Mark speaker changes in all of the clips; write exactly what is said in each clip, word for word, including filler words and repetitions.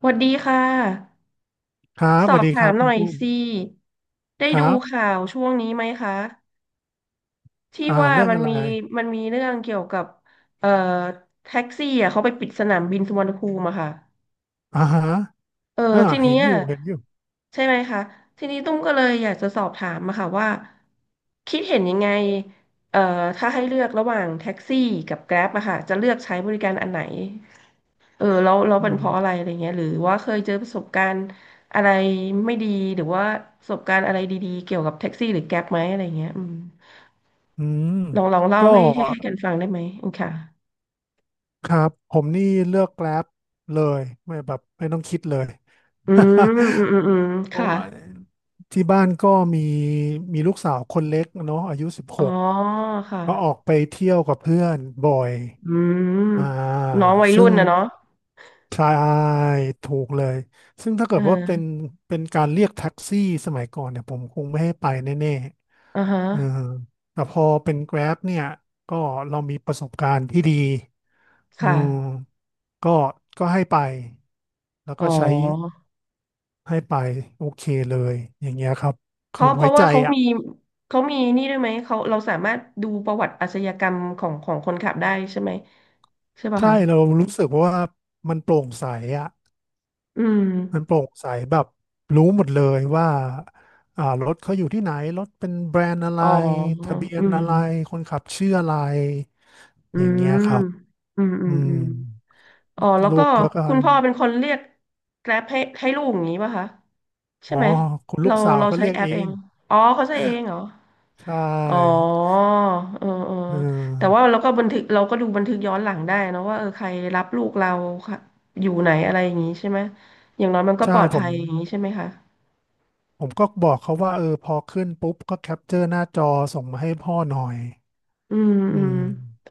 Speaker 1: สวัสดีค่ะ
Speaker 2: ครับ
Speaker 1: ส
Speaker 2: ส
Speaker 1: อ
Speaker 2: วัส
Speaker 1: บ
Speaker 2: ดีค
Speaker 1: ถา
Speaker 2: รั
Speaker 1: ม
Speaker 2: บ
Speaker 1: ห
Speaker 2: คุ
Speaker 1: น่อ
Speaker 2: ณ
Speaker 1: ย
Speaker 2: ตุ้ม
Speaker 1: สิได้
Speaker 2: ค
Speaker 1: ดู
Speaker 2: รับ
Speaker 1: ข่าวช่วงนี้ไหมคะที่
Speaker 2: อ่า
Speaker 1: ว่า
Speaker 2: เรื่อง
Speaker 1: มัน
Speaker 2: อะไร
Speaker 1: มีมันมีเรื่องเกี่ยวกับเอ่อแท็กซี่อ่ะเขาไปปิดสนามบินสุวรรณภูมิอะค่ะ
Speaker 2: อ่าฮะ
Speaker 1: เออ
Speaker 2: อ่า
Speaker 1: ทีนี้
Speaker 2: เห็นอ
Speaker 1: อะ
Speaker 2: ยู่เห็นอยู่
Speaker 1: ใช่ไหมคะทีนี้ตุ้มก็เลยอยากจะสอบถามมาค่ะว่าคิดเห็นยังไงเอ่อถ้าให้เลือกระหว่างแท็กซี่กับแกร็บอะค่ะจะเลือกใช้บริการอันไหน เออแล้วแล้วเั
Speaker 2: อื
Speaker 1: น
Speaker 2: ม
Speaker 1: เพราะอะไรอะไรเงี้ยหรือว่าเคยเจอประสบการณ์อะไรไม่ดีหรือว่าประสบการณ์อะไรดีๆเกี่ยวกับแท็กซี่หรือแก๊ปไหมอะไรเงี้ยอืม
Speaker 2: อืม
Speaker 1: ลองลองเล่า
Speaker 2: ก็
Speaker 1: ให้ให้ให้กันฟังได้ไหมอืมค่ะ
Speaker 2: ครับผมนี่เลือกแกร็บเลยไม่แบบไม่ต้องคิดเลย
Speaker 1: อืมอืมอืมอืม
Speaker 2: เพราะ
Speaker 1: ค่ะ
Speaker 2: ว่าที่บ้านก็มีมีลูกสาวคนเล็กเนาะอายุสิบห
Speaker 1: อ๋อ
Speaker 2: ก
Speaker 1: ค่ะ
Speaker 2: ก็ออกไปเที่ยวกับเพื่อนบ่อย
Speaker 1: อื
Speaker 2: อ่า
Speaker 1: มน้องวัย
Speaker 2: ซึ่
Speaker 1: รุ่
Speaker 2: ง
Speaker 1: นนะเนาะ
Speaker 2: ใช่ถูกเลย ซึ่งถ้า
Speaker 1: เ
Speaker 2: เกิดว่าเป็น
Speaker 1: ออ
Speaker 2: เป็นการเรียกแท็กซี่สมัยก่อนเนี่ยผมคงไม่ให้ไปแน่
Speaker 1: อ่าฮะ
Speaker 2: ๆเออแต่พอเป็น Grab เนี่ย ก็เรามีประสบการณ์ที่ดีอื
Speaker 1: ค่ะ
Speaker 2: มก็ก็ให้ไป แล้ว
Speaker 1: อ๋อ
Speaker 2: ก็ใช้ให้ไปโอเคเลย อย่างเงี้ยครับ
Speaker 1: เพ
Speaker 2: คือ
Speaker 1: ราะเพ
Speaker 2: ไว้
Speaker 1: ราะ
Speaker 2: ใจ
Speaker 1: ว่าเขา
Speaker 2: อ่ะ
Speaker 1: มีเขามีนี่ด้วยไหมเขาเราสามารถดูประวัติอาชญากรรมของของคนขับได้ใช่ไหมใช่ป่ะ
Speaker 2: ใช่
Speaker 1: คะ
Speaker 2: เรารู้สึกว่ามันโปร่งใสอ่ะ
Speaker 1: อืม
Speaker 2: มันโปร่งใสแบบรู้หมดเลยว่าอ่ารถเขาอยู่ที่ไหนรถเป็นแบรนด์อะไร
Speaker 1: อ๋อ
Speaker 2: ทะเบีย
Speaker 1: อื
Speaker 2: น
Speaker 1: ม
Speaker 2: อะไรคนขับชื่ออะไร
Speaker 1: อื
Speaker 2: อย่างเงี้ย
Speaker 1: ม
Speaker 2: ครับ
Speaker 1: อืมอื
Speaker 2: อื
Speaker 1: มอื
Speaker 2: ม
Speaker 1: มอ๋อ แล้ว
Speaker 2: ลู
Speaker 1: ก็
Speaker 2: กก็ก็
Speaker 1: คุณพ่อเป็นคนเรียกแกร็บให้ให้ลูกอย่างนี้ป่ะคะใช่
Speaker 2: อ๋อ
Speaker 1: ไหม
Speaker 2: คุณลู
Speaker 1: เรา
Speaker 2: กสาว
Speaker 1: เรา
Speaker 2: เขา
Speaker 1: ใช้
Speaker 2: เรียก
Speaker 1: แอป
Speaker 2: เอ
Speaker 1: เอ
Speaker 2: ง
Speaker 1: งอ๋อเขาใช้เองเหรอ
Speaker 2: ใช
Speaker 1: อ๋อ
Speaker 2: ่
Speaker 1: เออเออ
Speaker 2: เ
Speaker 1: แต่ว่า
Speaker 2: ออ
Speaker 1: เราก็บันทึกเราก็ดูบันทึกย้อนหลังได้เนอะว่าเออใครรับลูกเราค่ะอยู่ไหนอะไรอย่างนี้ใช่ไหมอย่างน้อยมันก็
Speaker 2: ใช่
Speaker 1: ปลอด
Speaker 2: ผ
Speaker 1: ภั
Speaker 2: ม
Speaker 1: ยอย่างนี้ใช่ไหมคะ
Speaker 2: ผมก็บอกเขาว่าเออพอขึ้นปุ๊บก็แคปเจอร์หน้าจอส่งมาให้พ่อหน่อย
Speaker 1: อืม
Speaker 2: อื
Speaker 1: อื
Speaker 2: ม
Speaker 1: ม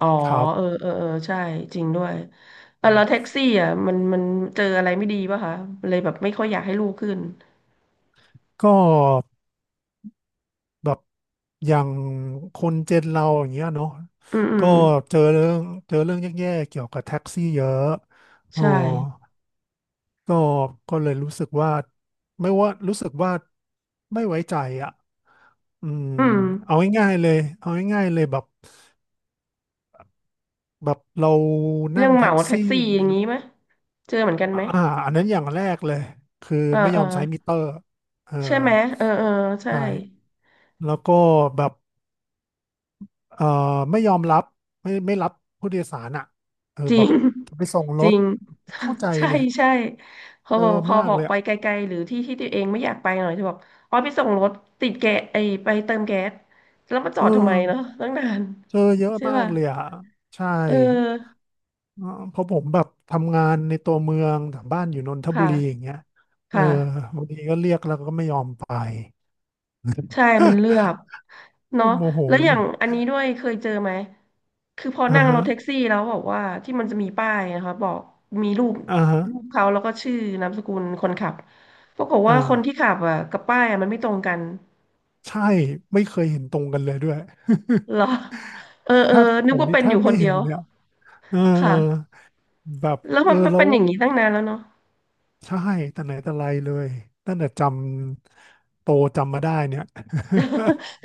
Speaker 1: อ๋อ
Speaker 2: ครั
Speaker 1: เออ
Speaker 2: บ
Speaker 1: เออเออใช่จริงด้วยเออแล้วแท็กซี่อ่ะมันมันเจออะไรไม่ดีป่ะคะเลยแบบไม่ค่อยอยากให้ลูกขึ้น
Speaker 2: ก็ แบบอย่างคนเจนเราอย่างเงี้ยเนาะ
Speaker 1: อืมอื
Speaker 2: ก็
Speaker 1: ม
Speaker 2: เจอเรื่องเจอเรื่องแย่ๆเกี่ยวกับแท็กซี่เยอะอ๋อ
Speaker 1: ใช่
Speaker 2: ก็ก็เลยรู้สึกว่าไม่ว่ารู้สึกว่าไม่ไว้ใจอ่ะอืม
Speaker 1: อืม
Speaker 2: เอาง่ายๆเลยเอาง่ายๆเลยแบบแบบเรา
Speaker 1: เรื่
Speaker 2: นั่
Speaker 1: อ
Speaker 2: ง
Speaker 1: งเห
Speaker 2: แท็
Speaker 1: มา
Speaker 2: ก
Speaker 1: แท็ก
Speaker 2: ซี่
Speaker 1: ซี่อ
Speaker 2: เนี่
Speaker 1: ย่าง
Speaker 2: ย
Speaker 1: นี้ไหมเจอเหมือนกัน
Speaker 2: อ่า
Speaker 1: ไหม
Speaker 2: อันนั้นอย่างแรกเลยคือ
Speaker 1: เออ
Speaker 2: ไม่
Speaker 1: เอ
Speaker 2: ย
Speaker 1: อ
Speaker 2: อมใช้มิเตอร์เออ
Speaker 1: ใช่ไหมเออเออใช่
Speaker 2: ใช่แล้วก็แบบ เอ่อไม่ยอมรับไม่ไม่รับผู้โดยสารอ่ะเออ
Speaker 1: จริ
Speaker 2: แบ
Speaker 1: ง
Speaker 2: บไปส่ง
Speaker 1: จ
Speaker 2: ร
Speaker 1: ริ
Speaker 2: ถ
Speaker 1: ง
Speaker 2: เข้าใจ
Speaker 1: ใช่
Speaker 2: เลย
Speaker 1: ใช่พอ
Speaker 2: เจ
Speaker 1: บอก
Speaker 2: อ
Speaker 1: พอ
Speaker 2: มา
Speaker 1: บ
Speaker 2: ก
Speaker 1: อ
Speaker 2: เล
Speaker 1: ก
Speaker 2: ย
Speaker 1: ไป
Speaker 2: อะ
Speaker 1: ไกลๆหรือที่ที่ตัวเองไม่อยากไปหน่อยจะบอกอ๋อไปส่งรถติดแกสไอไปเติมแก๊สแล้วมาจอ
Speaker 2: เออ
Speaker 1: ดทำไมเนาะตั้งนาน
Speaker 2: เจอเยอะ
Speaker 1: ใช่
Speaker 2: มา
Speaker 1: ป่ะ
Speaker 2: กเลยอ่ะใช่
Speaker 1: เออ
Speaker 2: เออเพราะผมแบบทำงานในตัวเมืองแต่บ้านอยู่นนทบุ
Speaker 1: ค่ะ
Speaker 2: รีอย่างเงี้ยเออ
Speaker 1: ค่ะ
Speaker 2: บางทีก็เรียกแล้วก็ไม่ยอมไป
Speaker 1: ใช่มันเลือ กเนาะ
Speaker 2: มันโมโห
Speaker 1: แล้วอ
Speaker 2: เล
Speaker 1: ย่าง
Speaker 2: ย
Speaker 1: อันนี้ด้วยเคยเจอไหมคือพอ
Speaker 2: อ่า
Speaker 1: นั่งร
Speaker 2: ฮะ
Speaker 1: ถแท็กซี่แล้วบอกว่าที่มันจะมีป้ายนะคะบอกมีรูป
Speaker 2: อ่าฮะ
Speaker 1: รูปเขาแล้วก็ชื่อนามสกุลคนขับปรากฏ
Speaker 2: อ่า
Speaker 1: ว่าคนที่ขับอ่ะกับป้ายอ่ะมันไม่ตรงกัน
Speaker 2: ใช่ไม่เคยเห็นตรงกันเลยด้วย
Speaker 1: เหรอ เออเอ
Speaker 2: แท
Speaker 1: อ
Speaker 2: บผ
Speaker 1: นึก
Speaker 2: ม
Speaker 1: ว่า
Speaker 2: นี่
Speaker 1: เป็น
Speaker 2: แท
Speaker 1: อยู่
Speaker 2: บ
Speaker 1: ค
Speaker 2: ไม่
Speaker 1: นเดี
Speaker 2: เห็
Speaker 1: ย
Speaker 2: น
Speaker 1: ว
Speaker 2: เลยอะเออ
Speaker 1: ค่ะ
Speaker 2: แบบ
Speaker 1: แล้ว
Speaker 2: เอ
Speaker 1: มัน
Speaker 2: อแล้
Speaker 1: เป็น
Speaker 2: ว
Speaker 1: อย่างนี้ตั้งนานแล้วเนาะ
Speaker 2: ใช่แต่ไหนแต่ไรเลยตั้งแต่จำโตจำมาได้เนี่ย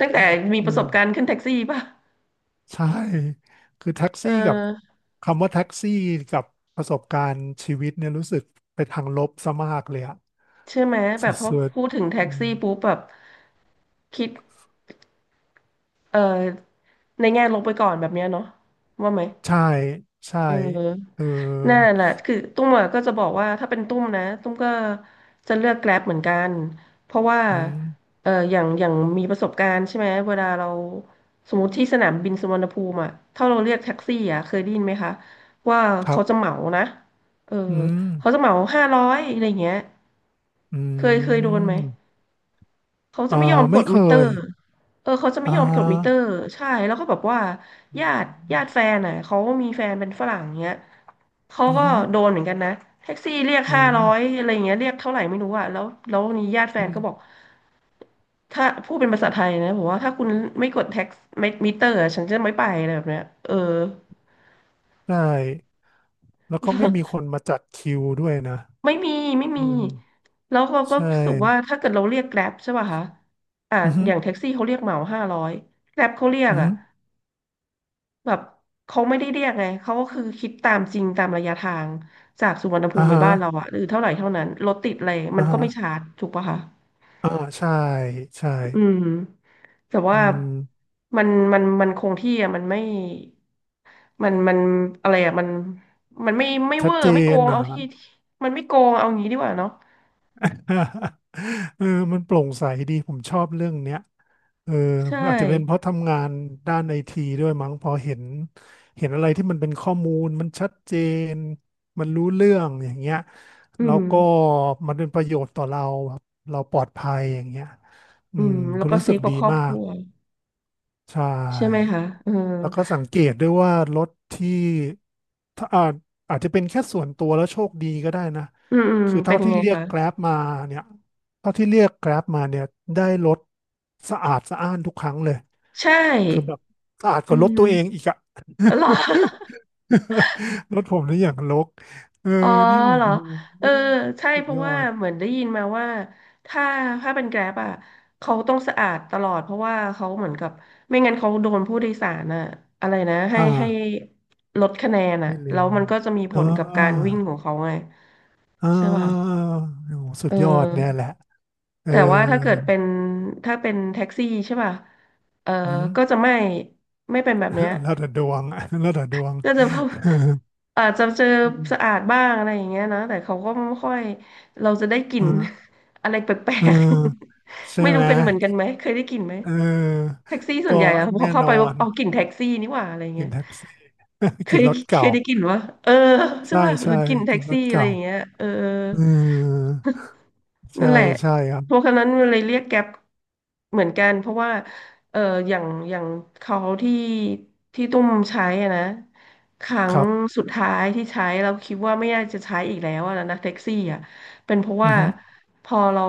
Speaker 1: ตั้งแต่มี
Speaker 2: เอ
Speaker 1: ป
Speaker 2: อ
Speaker 1: ระสบการณ์ขึ้นแท็กซี่ป่ะ
Speaker 2: ใช่ คือแท็ก
Speaker 1: เอ
Speaker 2: ซี่กับ
Speaker 1: อ
Speaker 2: คำว่าแท็กซี่กับประสบการณ์ชีวิตเนี่ยรู้สึกไปทางลบซะมากเลยอะ
Speaker 1: ใช่ไหมแบ
Speaker 2: สุ
Speaker 1: บพอ
Speaker 2: ด
Speaker 1: พูดถึง
Speaker 2: ๆ
Speaker 1: แท็
Speaker 2: อื
Speaker 1: ก
Speaker 2: ม
Speaker 1: ซี่ปุ๊บแบบคิด เออ ในแง่ลบไปก่อนแบบเนี้ยเนาะว่าไหม
Speaker 2: ใช่ใช่
Speaker 1: เออ
Speaker 2: เออ
Speaker 1: นั่นแหละคือตุ้มอะก็จะบอกว่าถ้าเป็นตุ้มนะตุ้มก็จะเลือกแกร็บเหมือนกันเพราะว่า
Speaker 2: อืม
Speaker 1: เอออย่างอย่างมีประสบการณ์ใช่ไหมเวลาเราสมมติที่สนามบินสุวรรณภูมิอ่ะถ้าเราเรียกแท็กซี่อ่ะเคยได้ยินไหมคะว่า
Speaker 2: ครั
Speaker 1: เขา
Speaker 2: บ
Speaker 1: จะเหมานะเออ
Speaker 2: อืม
Speaker 1: เขาจะเหมาห้าร้อยอะไรเงี้ย
Speaker 2: อื
Speaker 1: เคยเคยโดนไหม
Speaker 2: ม
Speaker 1: เขาจะ
Speaker 2: อ่า
Speaker 1: ไม่ยอมก
Speaker 2: ไม่
Speaker 1: ด
Speaker 2: เค
Speaker 1: มิเตอ
Speaker 2: ย
Speaker 1: ร์เออเขาจะไม่
Speaker 2: อ่
Speaker 1: ยอมกดมิเตอ
Speaker 2: า
Speaker 1: ร์ใช่ แล้วก็แบบว่า
Speaker 2: อ
Speaker 1: ญาติ
Speaker 2: ื
Speaker 1: ญา
Speaker 2: ม
Speaker 1: ติแฟนอ่ะเขามีแฟนเป็นฝรั่งเงี้ยเขา
Speaker 2: อื
Speaker 1: ก็โด
Speaker 2: ม
Speaker 1: นเหมือนกันนะแท็กซี่เรียก
Speaker 2: อื
Speaker 1: ห้า
Speaker 2: ม
Speaker 1: ร้อยอะไรเงี้ยเรียกเท่าไหร่ไม่รู้อ่ะแล้วแล้วนี่ญาติแฟ
Speaker 2: อื
Speaker 1: นก็บอก
Speaker 2: ม
Speaker 1: ถ้าพูดเป็นภาษาไทยนะบอกว่าถ้าคุณไม่กดแท็กไม่มิเตอร์อะฉันจะไม่ไปอะไรแบบเนี้ยเออ
Speaker 2: ใช่ แล้วก็ไม่มีคน มาจัดคิวด้วยนะ
Speaker 1: ไม่มีไม่
Speaker 2: อื
Speaker 1: มี
Speaker 2: ม
Speaker 1: แล้วเราก็
Speaker 2: ใช่
Speaker 1: รู้สึกว่าถ้าเกิดเราเรียกแกร็บใช่ป่ะคะอ่า
Speaker 2: อือฮึ
Speaker 1: อย่างแท็กซี่เขาเรียกเหมาห้าร้อยแกร็บเขาเรียก
Speaker 2: อือ
Speaker 1: อ่ะ
Speaker 2: ฮึ
Speaker 1: แบบเขาไม่ได้เรียกไงเขาก็คือคิดตามจริงตามระยะทางจากสุวรรณภู
Speaker 2: อ่า
Speaker 1: มิไป
Speaker 2: ฮะ
Speaker 1: บ้านเราอะหรือเท่าไหร่เท่านั้นรถติดอะไรมั
Speaker 2: อ่า
Speaker 1: นก็
Speaker 2: ฮะ
Speaker 1: ไม่ชาร์จถูกปะคะ
Speaker 2: อ่าใช่ ใช่
Speaker 1: อืมแต่
Speaker 2: อื
Speaker 1: ว่า
Speaker 2: ม
Speaker 1: มันมันมันคงที่อะมันไม่มันมันอะไรอะมันมันไม่ไม่
Speaker 2: ชั
Speaker 1: เว
Speaker 2: ด
Speaker 1: อ
Speaker 2: เจ
Speaker 1: ร์ไม่โก
Speaker 2: น
Speaker 1: ง
Speaker 2: นะ
Speaker 1: เอา
Speaker 2: ฮะ
Speaker 1: ที่ ที่มันไม่โกงเอางี้ดีกว่าเนาะ
Speaker 2: เออมันโปร่งใสดีผมชอบเรื่องเนี้ย เออ
Speaker 1: ใช่
Speaker 2: อาจจะเป็นเพราะทำงานด้านไอทีด้วยมั้งพอเห็นเห็นอะไรที่มันเป็นข้อมูลมันชัดเจนมันรู้เรื่องอย่างเงี้ย
Speaker 1: อื
Speaker 2: แล้ว
Speaker 1: ม
Speaker 2: ก็มันเป็นประโยชน์ต่อเราแบบเราปลอดภัยอย่างเงี้ยอื
Speaker 1: อื
Speaker 2: ม
Speaker 1: มแล้
Speaker 2: ก็
Speaker 1: วก็
Speaker 2: รู้สึ
Speaker 1: ซื้อ
Speaker 2: ก
Speaker 1: กั
Speaker 2: ดี
Speaker 1: บครอบ
Speaker 2: มา
Speaker 1: ค
Speaker 2: ก
Speaker 1: รัว
Speaker 2: ใช่
Speaker 1: ใช่ไหมคะเออ
Speaker 2: แล้วก็สังเกตด้วยว่ารถที่ถ้าอาจอาจจะเป็นแค่ส่วนตัวแล้วโชคดีก็ได้นะ
Speaker 1: อืมอืม
Speaker 2: คือ
Speaker 1: เป็
Speaker 2: เท่า
Speaker 1: นยัง
Speaker 2: ที่
Speaker 1: ไง
Speaker 2: เรียก
Speaker 1: คะ
Speaker 2: แกร็บมาเนี่ยเท่าที่เรียกแกร็บมาเนี่ยได้รถสะอาดสะอ้านทุกครั้งเลย
Speaker 1: ใช
Speaker 2: คือแบ
Speaker 1: ่
Speaker 2: บสะอาดก
Speaker 1: อื
Speaker 2: ว่ารถตัวเอง
Speaker 1: ม
Speaker 2: อีกอะ
Speaker 1: เหรอ
Speaker 2: รถผมนี่อย่างรกเออ
Speaker 1: อ๋อ
Speaker 2: นี่โอ้
Speaker 1: เหรอ
Speaker 2: โห
Speaker 1: เออใช่
Speaker 2: สุ
Speaker 1: เพ
Speaker 2: ด
Speaker 1: ราะ
Speaker 2: ยอ
Speaker 1: ว่า
Speaker 2: ด
Speaker 1: เหมือนได้ยินมาว่าถ้าถ้าเป็นแกร็บอ่ะเขาต้องสะอาดตลอดเพราะว่าเขาเหมือนกับไม่งั้นเขาโดนผู้โดยสารอ่ะอะไรนะให้
Speaker 2: อ่า
Speaker 1: ให้ลดคะแนนอ่ะ
Speaker 2: ไม่เลื
Speaker 1: แล้วมันก็จะมีผล
Speaker 2: อ่า
Speaker 1: กับการวิ่งของเขาไง
Speaker 2: อ่
Speaker 1: ใช่ป่ะ
Speaker 2: าโอ้โหสุด
Speaker 1: เอ
Speaker 2: ยอดเนี่ย
Speaker 1: อ
Speaker 2: แหละเออ
Speaker 1: แต่ว่าถ้าเกิดเป็นถ้าเป็นแท็กซี่ใช่ป่ะเออ
Speaker 2: อืม
Speaker 1: ก็จะไม่ไม่เป็นแบบเนี้ย
Speaker 2: แล้วแต่ดวง แล้วแต่ดวง
Speaker 1: ก็จะพบอาจจะเจอสะอาดบ้างอะไรอย่างเงี้ยนะแต่เขาก็ไม่ค่อยเราจะได้กลิ่
Speaker 2: เอ
Speaker 1: น
Speaker 2: อ
Speaker 1: อะไรแปล
Speaker 2: เอ
Speaker 1: ก
Speaker 2: อ
Speaker 1: ๆ
Speaker 2: ใช่
Speaker 1: ไม่
Speaker 2: ไห
Speaker 1: รู้
Speaker 2: ม
Speaker 1: เป็นเหมือนกันไหมเคยได้กลิ่นไหม
Speaker 2: เออ
Speaker 1: แท็กซี่ส่วน
Speaker 2: ก็
Speaker 1: ใหญ่อะพอ
Speaker 2: แน่
Speaker 1: เข้า
Speaker 2: น
Speaker 1: ไป
Speaker 2: อ
Speaker 1: ว่า
Speaker 2: น
Speaker 1: เอากลิ่นแท็กซี่นี่หว่าอะไร
Speaker 2: กิ
Speaker 1: เงี้
Speaker 2: น
Speaker 1: ย
Speaker 2: แท็กซี่
Speaker 1: เค
Speaker 2: กิ
Speaker 1: ย
Speaker 2: น
Speaker 1: ได้
Speaker 2: รถ
Speaker 1: เค
Speaker 2: เก่า
Speaker 1: ยได้กลิ่นวะเออใช่
Speaker 2: ใช่
Speaker 1: ป่ะหรื
Speaker 2: ใช่
Speaker 1: อกลิ่นแท็
Speaker 2: กิ
Speaker 1: ก
Speaker 2: นร
Speaker 1: ซี่
Speaker 2: ถ
Speaker 1: อะไร
Speaker 2: เก่า
Speaker 1: อย่างเงี้ยเออ
Speaker 2: เออใช่
Speaker 1: นั่นแหละ
Speaker 2: ใช่ครับ
Speaker 1: เพราะฉะนั้นมันเลยเรียกแก๊ปเหมือนกันเพราะว่าเอออย่างอย่างเขาที่ที่ตุ้มใช้อะนะครั้
Speaker 2: ค
Speaker 1: ง
Speaker 2: รับ
Speaker 1: สุดท้ายที่ใช้เราคิดว่าไม่น่าจะใช้อีกแล้วอะนะแท็กซี่อะเป็นเพราะ
Speaker 2: อื
Speaker 1: ว่า
Speaker 2: อหือ
Speaker 1: พอเรา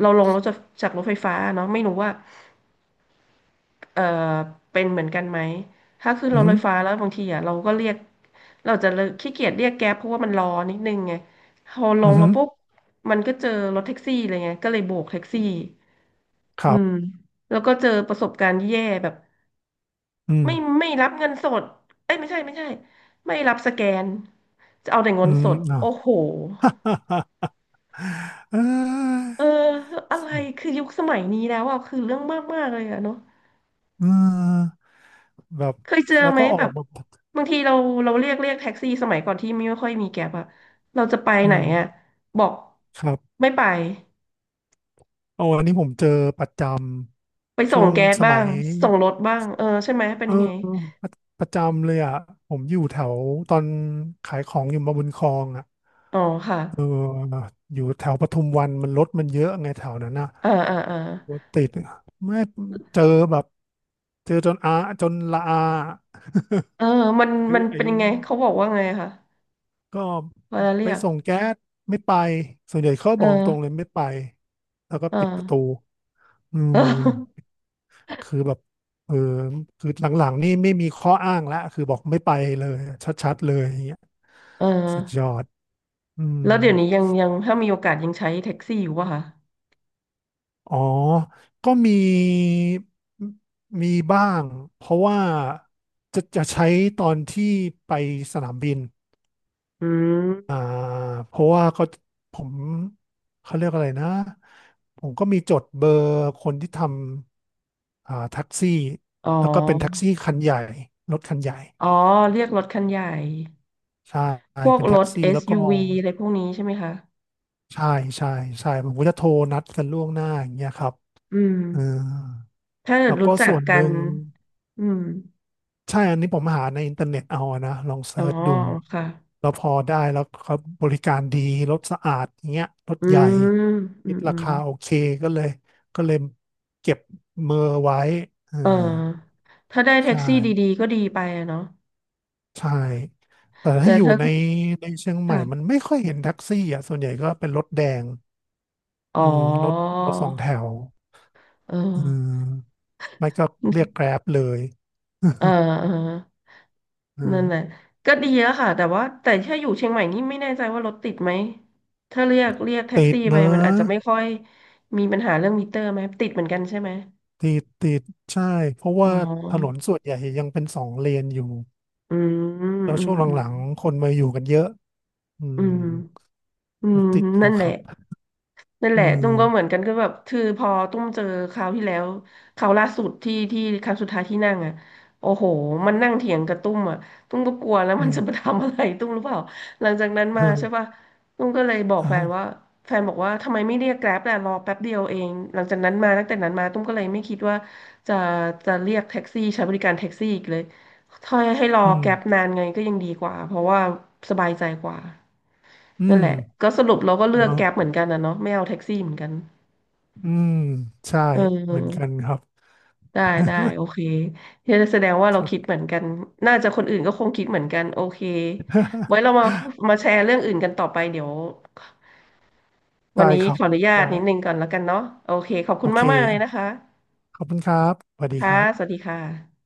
Speaker 1: เราลงรถจากจากรถไฟฟ้าเนาะไม่รู้ว่า เอ่อเป็นเหมือนกันไหมถ้าขึ้น
Speaker 2: อื
Speaker 1: ร
Speaker 2: อ
Speaker 1: ถ
Speaker 2: หื
Speaker 1: ไฟ
Speaker 2: อ
Speaker 1: ฟ้าแล้วบางทีอ่ะเราก็เรียกเราจะเลิกขี้เกียจเรียกแก๊ปเพราะว่ามันรอนิดนึงไงพอล
Speaker 2: อื
Speaker 1: ง
Speaker 2: อหื
Speaker 1: มา
Speaker 2: อ
Speaker 1: ปุ๊บมันก็เจอรถแท็กซี่เลยไงก็เลยโบกแท็กซี่
Speaker 2: ค
Speaker 1: อื
Speaker 2: รั
Speaker 1: ม
Speaker 2: บ
Speaker 1: แล้วก็เจอประสบการณ์แย่แบบ
Speaker 2: อื
Speaker 1: ไม่
Speaker 2: ม
Speaker 1: ไม่รับเงินสดเอ้ยไม่ใช่ไม่ใช่ไม่รับสแกนจะเอาแต่เงิ
Speaker 2: อื
Speaker 1: นส
Speaker 2: ม
Speaker 1: ด
Speaker 2: เอา
Speaker 1: โอ้โห
Speaker 2: เอ้
Speaker 1: เอออะไร
Speaker 2: ย
Speaker 1: คือยุคสมัยนี้แล้วอ่ะคือเรื่องมากมากเลยอะเนาะ
Speaker 2: อืมแบบ
Speaker 1: เคยเจอ
Speaker 2: แล้ว
Speaker 1: ไหม
Speaker 2: ก็ออ
Speaker 1: แบ
Speaker 2: ก
Speaker 1: บ
Speaker 2: มา
Speaker 1: บางทีเราเราเรียกเรียกแท็กซี่สมัยก่อนที่ไม่ค่อยมีแก๊ปอะเราจะไปไห
Speaker 2: อื
Speaker 1: น
Speaker 2: ม
Speaker 1: อะบอก
Speaker 2: ครับ
Speaker 1: ไม่ไป
Speaker 2: โอ้อันนี้ผมเจอประจ
Speaker 1: ไป
Speaker 2: ำ
Speaker 1: ส่
Speaker 2: ช่ว
Speaker 1: ง
Speaker 2: ง
Speaker 1: แก๊ส
Speaker 2: ส
Speaker 1: บ้า
Speaker 2: มั
Speaker 1: ง
Speaker 2: ย
Speaker 1: ส่งรถบ้างเออใช่ไหมเป็น
Speaker 2: เออ
Speaker 1: ยังไง
Speaker 2: ประประจำเลยอ่ะผมอยู่แถวตอนขายของอยู่มาบุญครองอ่ะ
Speaker 1: อ๋อค่ะ
Speaker 2: เอออยู่แถวปทุมวันมันรถมันเยอะไงแถวนั้นนะ
Speaker 1: เออเออเออ
Speaker 2: รถติดไม่เจอแบบเจอจนอาจนละอา
Speaker 1: เออมัน
Speaker 2: ไอ้
Speaker 1: มัน
Speaker 2: ไอ้
Speaker 1: เป็นยังไงเขาบอกว่าไงคะ
Speaker 2: ก็
Speaker 1: เวลาเรี
Speaker 2: ไป
Speaker 1: ยก
Speaker 2: ส่งแก๊สไม่ไปส่วนใหญ่เขา
Speaker 1: เอ
Speaker 2: บอกตรงๆเล
Speaker 1: อ
Speaker 2: ยไม่ไปแล้วก็
Speaker 1: เออ
Speaker 2: ปิดประตูอื
Speaker 1: เอ
Speaker 2: ม
Speaker 1: อ
Speaker 2: คือแบบเออคือหลังๆนี่ไม่มีข้ออ้างแล้วคือบอกไม่ไปเลยชัดๆเลยอย่างเงี้ย
Speaker 1: เออ
Speaker 2: สุดยอดอืม
Speaker 1: แล้วเดี๋ยวนี้ยังยังถ้ามีโอกาสยังใช้แท็กซี่อยู่ป่ะคะ
Speaker 2: อ๋อ ก็มีมีบ้างเพราะว่าจะจะใช้ตอนที่ไปสนามบิน
Speaker 1: อื
Speaker 2: อ่า
Speaker 1: ม
Speaker 2: เพราะว่าก็ผมเขาเรียกอะไรนะผมก็มีจดเบอร์คนที่ทำอ่าแท็กซี่
Speaker 1: อ๋อ
Speaker 2: แล้วก็เป็นแท็กซี่คันใหญ่รถคันใหญ่
Speaker 1: อ๋อเรียกรถคันใหญ่
Speaker 2: ใช่
Speaker 1: พวก
Speaker 2: เป็น
Speaker 1: ร
Speaker 2: แท็ก
Speaker 1: ถ
Speaker 2: ซี่แล้วก็
Speaker 1: เอส ยู วี อสยูวีอะไรพวกนี้ใช่ไหมคะ
Speaker 2: ใช่ใช่ใช่ผมก็จะโทรนัดกันล่วงหน้าอย่างเงี้ยครับ
Speaker 1: อืม
Speaker 2: เออ
Speaker 1: ถ้าเกิ
Speaker 2: แล้
Speaker 1: ด
Speaker 2: วก็
Speaker 1: รู้จัก
Speaker 2: ส่วนห
Speaker 1: กัน
Speaker 2: นึ่ง
Speaker 1: อืม
Speaker 2: ใช่อันนี้ผมหาในอินเทอร์เน็ตเอาอะนะลอง
Speaker 1: อ๋
Speaker 2: เซิ
Speaker 1: อ
Speaker 2: ร์ชดู
Speaker 1: ค่ะ
Speaker 2: แล้วพอได้แล้วเขาบริการดีรถสะอาดอย่างเงี้ยรถ
Speaker 1: อื
Speaker 2: ใหญ่
Speaker 1: มอื
Speaker 2: คิด
Speaker 1: มอื
Speaker 2: รา
Speaker 1: ม
Speaker 2: คาโอเคก็เลยก็เลยเก็บเมอร์ไว้เออ
Speaker 1: เออถ้าได้แท็
Speaker 2: ใช่
Speaker 1: กซี่ดีๆก็ดีไปอะเนาะ
Speaker 2: ใช่แต่
Speaker 1: แต่
Speaker 2: ถ้าอยู่
Speaker 1: ถ้า
Speaker 2: ในในเชียงใหม่มัน
Speaker 1: ค่ะ
Speaker 2: ไม่ค่อยเห็นแท็กซี่อ่ะส่วนใหญ่ก็เป็นรถแดง
Speaker 1: อ๋อ
Speaker 2: อืมรถรถสองแถว
Speaker 1: เออ
Speaker 2: อืมไม่ก็เรียกแกร็บเลย
Speaker 1: เออเอ อ
Speaker 2: อื
Speaker 1: นั่นแหละ
Speaker 2: ม
Speaker 1: ก็ดีแล้ค่ะแต่ว่า แต่ถ้าอยู่เชียงใหม่นี่ไม่แน่ใจว่ารถติดไหมถ้าเรียกเรียกแท็ก
Speaker 2: ติด
Speaker 1: ซี่ไป
Speaker 2: นะ
Speaker 1: มันอาจจะไม่ค่อยมีปัญหาเรื่องมิเตอร์ไหมติดเหมือนกันใช่ไหม
Speaker 2: ติดติดใช่เพราะ
Speaker 1: อ๋อ
Speaker 2: ว่าถนนส่วนใหญ่ยังเป็นสองเลนอยู่
Speaker 1: อืมอืม
Speaker 2: แล้ว
Speaker 1: อื
Speaker 2: ช่วงห
Speaker 1: ม
Speaker 2: ลังๆคนมาอยู่กันเยอะอื
Speaker 1: อื
Speaker 2: ม
Speaker 1: มอื
Speaker 2: รถ
Speaker 1: ม
Speaker 2: ติดอ
Speaker 1: นั่
Speaker 2: ยู่
Speaker 1: นแห
Speaker 2: ค
Speaker 1: ละ
Speaker 2: รับ
Speaker 1: นั่นแห
Speaker 2: อื
Speaker 1: ละตุ้มก็เหมือน
Speaker 2: ม
Speaker 1: กันก็แบบคือพอตุ้มเจอคราวที่แล้วคราวล่าสุดที่ที่ครั้งสุดท้ายที่นั่งอ่ะโอ้โหมันนั่งเถียงกับตุ้มอ่ะตุ้มก็กลัวแล้ว
Speaker 2: อื
Speaker 1: มัน
Speaker 2: ม
Speaker 1: จะมาทำอะไรตุ้มหรู้เปล่าหลังจากนั้น
Speaker 2: อื
Speaker 1: มาใช่
Speaker 2: ม
Speaker 1: ป่ะตุ้มก็เลยบอกแฟนว่า
Speaker 2: อ่า
Speaker 1: แฟนบอกว่าทำไมไม่เรียกแกร็บล่ะรอแป๊บเดียวเองหลังจากนั้นมาตั้งแต่นั้นมาตุ้มก็เลยไม่คิดว่าจะจะเรียกแท็กซี่ใช้บริการแท็กซี่อีกเลยถ้าให้รอ
Speaker 2: อืม
Speaker 1: แกร็บนานไงก็ยังดีกว่าเพราะว่าสบายใจกว่า
Speaker 2: อื
Speaker 1: นั่น
Speaker 2: ม
Speaker 1: แหละ ก็สรุปเราก็เลือก
Speaker 2: เนาะ
Speaker 1: แก๊ปเหมือนกันนะเนาะไม่เอาแท็กซี่เหมือนกัน
Speaker 2: อืมใช่
Speaker 1: เ
Speaker 2: เหมือน
Speaker 1: อ
Speaker 2: กั
Speaker 1: อ
Speaker 2: นครับ
Speaker 1: ได้ได้ โอเคเฮ้ยแสดงว่า
Speaker 2: ค
Speaker 1: เรา
Speaker 2: รับ
Speaker 1: คิดเหมือนกัน น่าจะคนอื่นก็คงคิดเหมือนกันโอเค ไว้เรา มามาแชร์เรื่องอื่นกันต่อไป เดี๋ยววัน
Speaker 2: ได้
Speaker 1: นี้
Speaker 2: ครั
Speaker 1: ข
Speaker 2: บ
Speaker 1: ออนุญาต
Speaker 2: ได้
Speaker 1: นิดนึงก่อนแล้วกันเนาะโอเคขอบคุ
Speaker 2: โอ
Speaker 1: ณ
Speaker 2: เค
Speaker 1: มากๆเลยนะคะ
Speaker 2: ขอบคุณครับสวัสดี
Speaker 1: ค่ะ
Speaker 2: ครับ
Speaker 1: สวัสดีค่ะ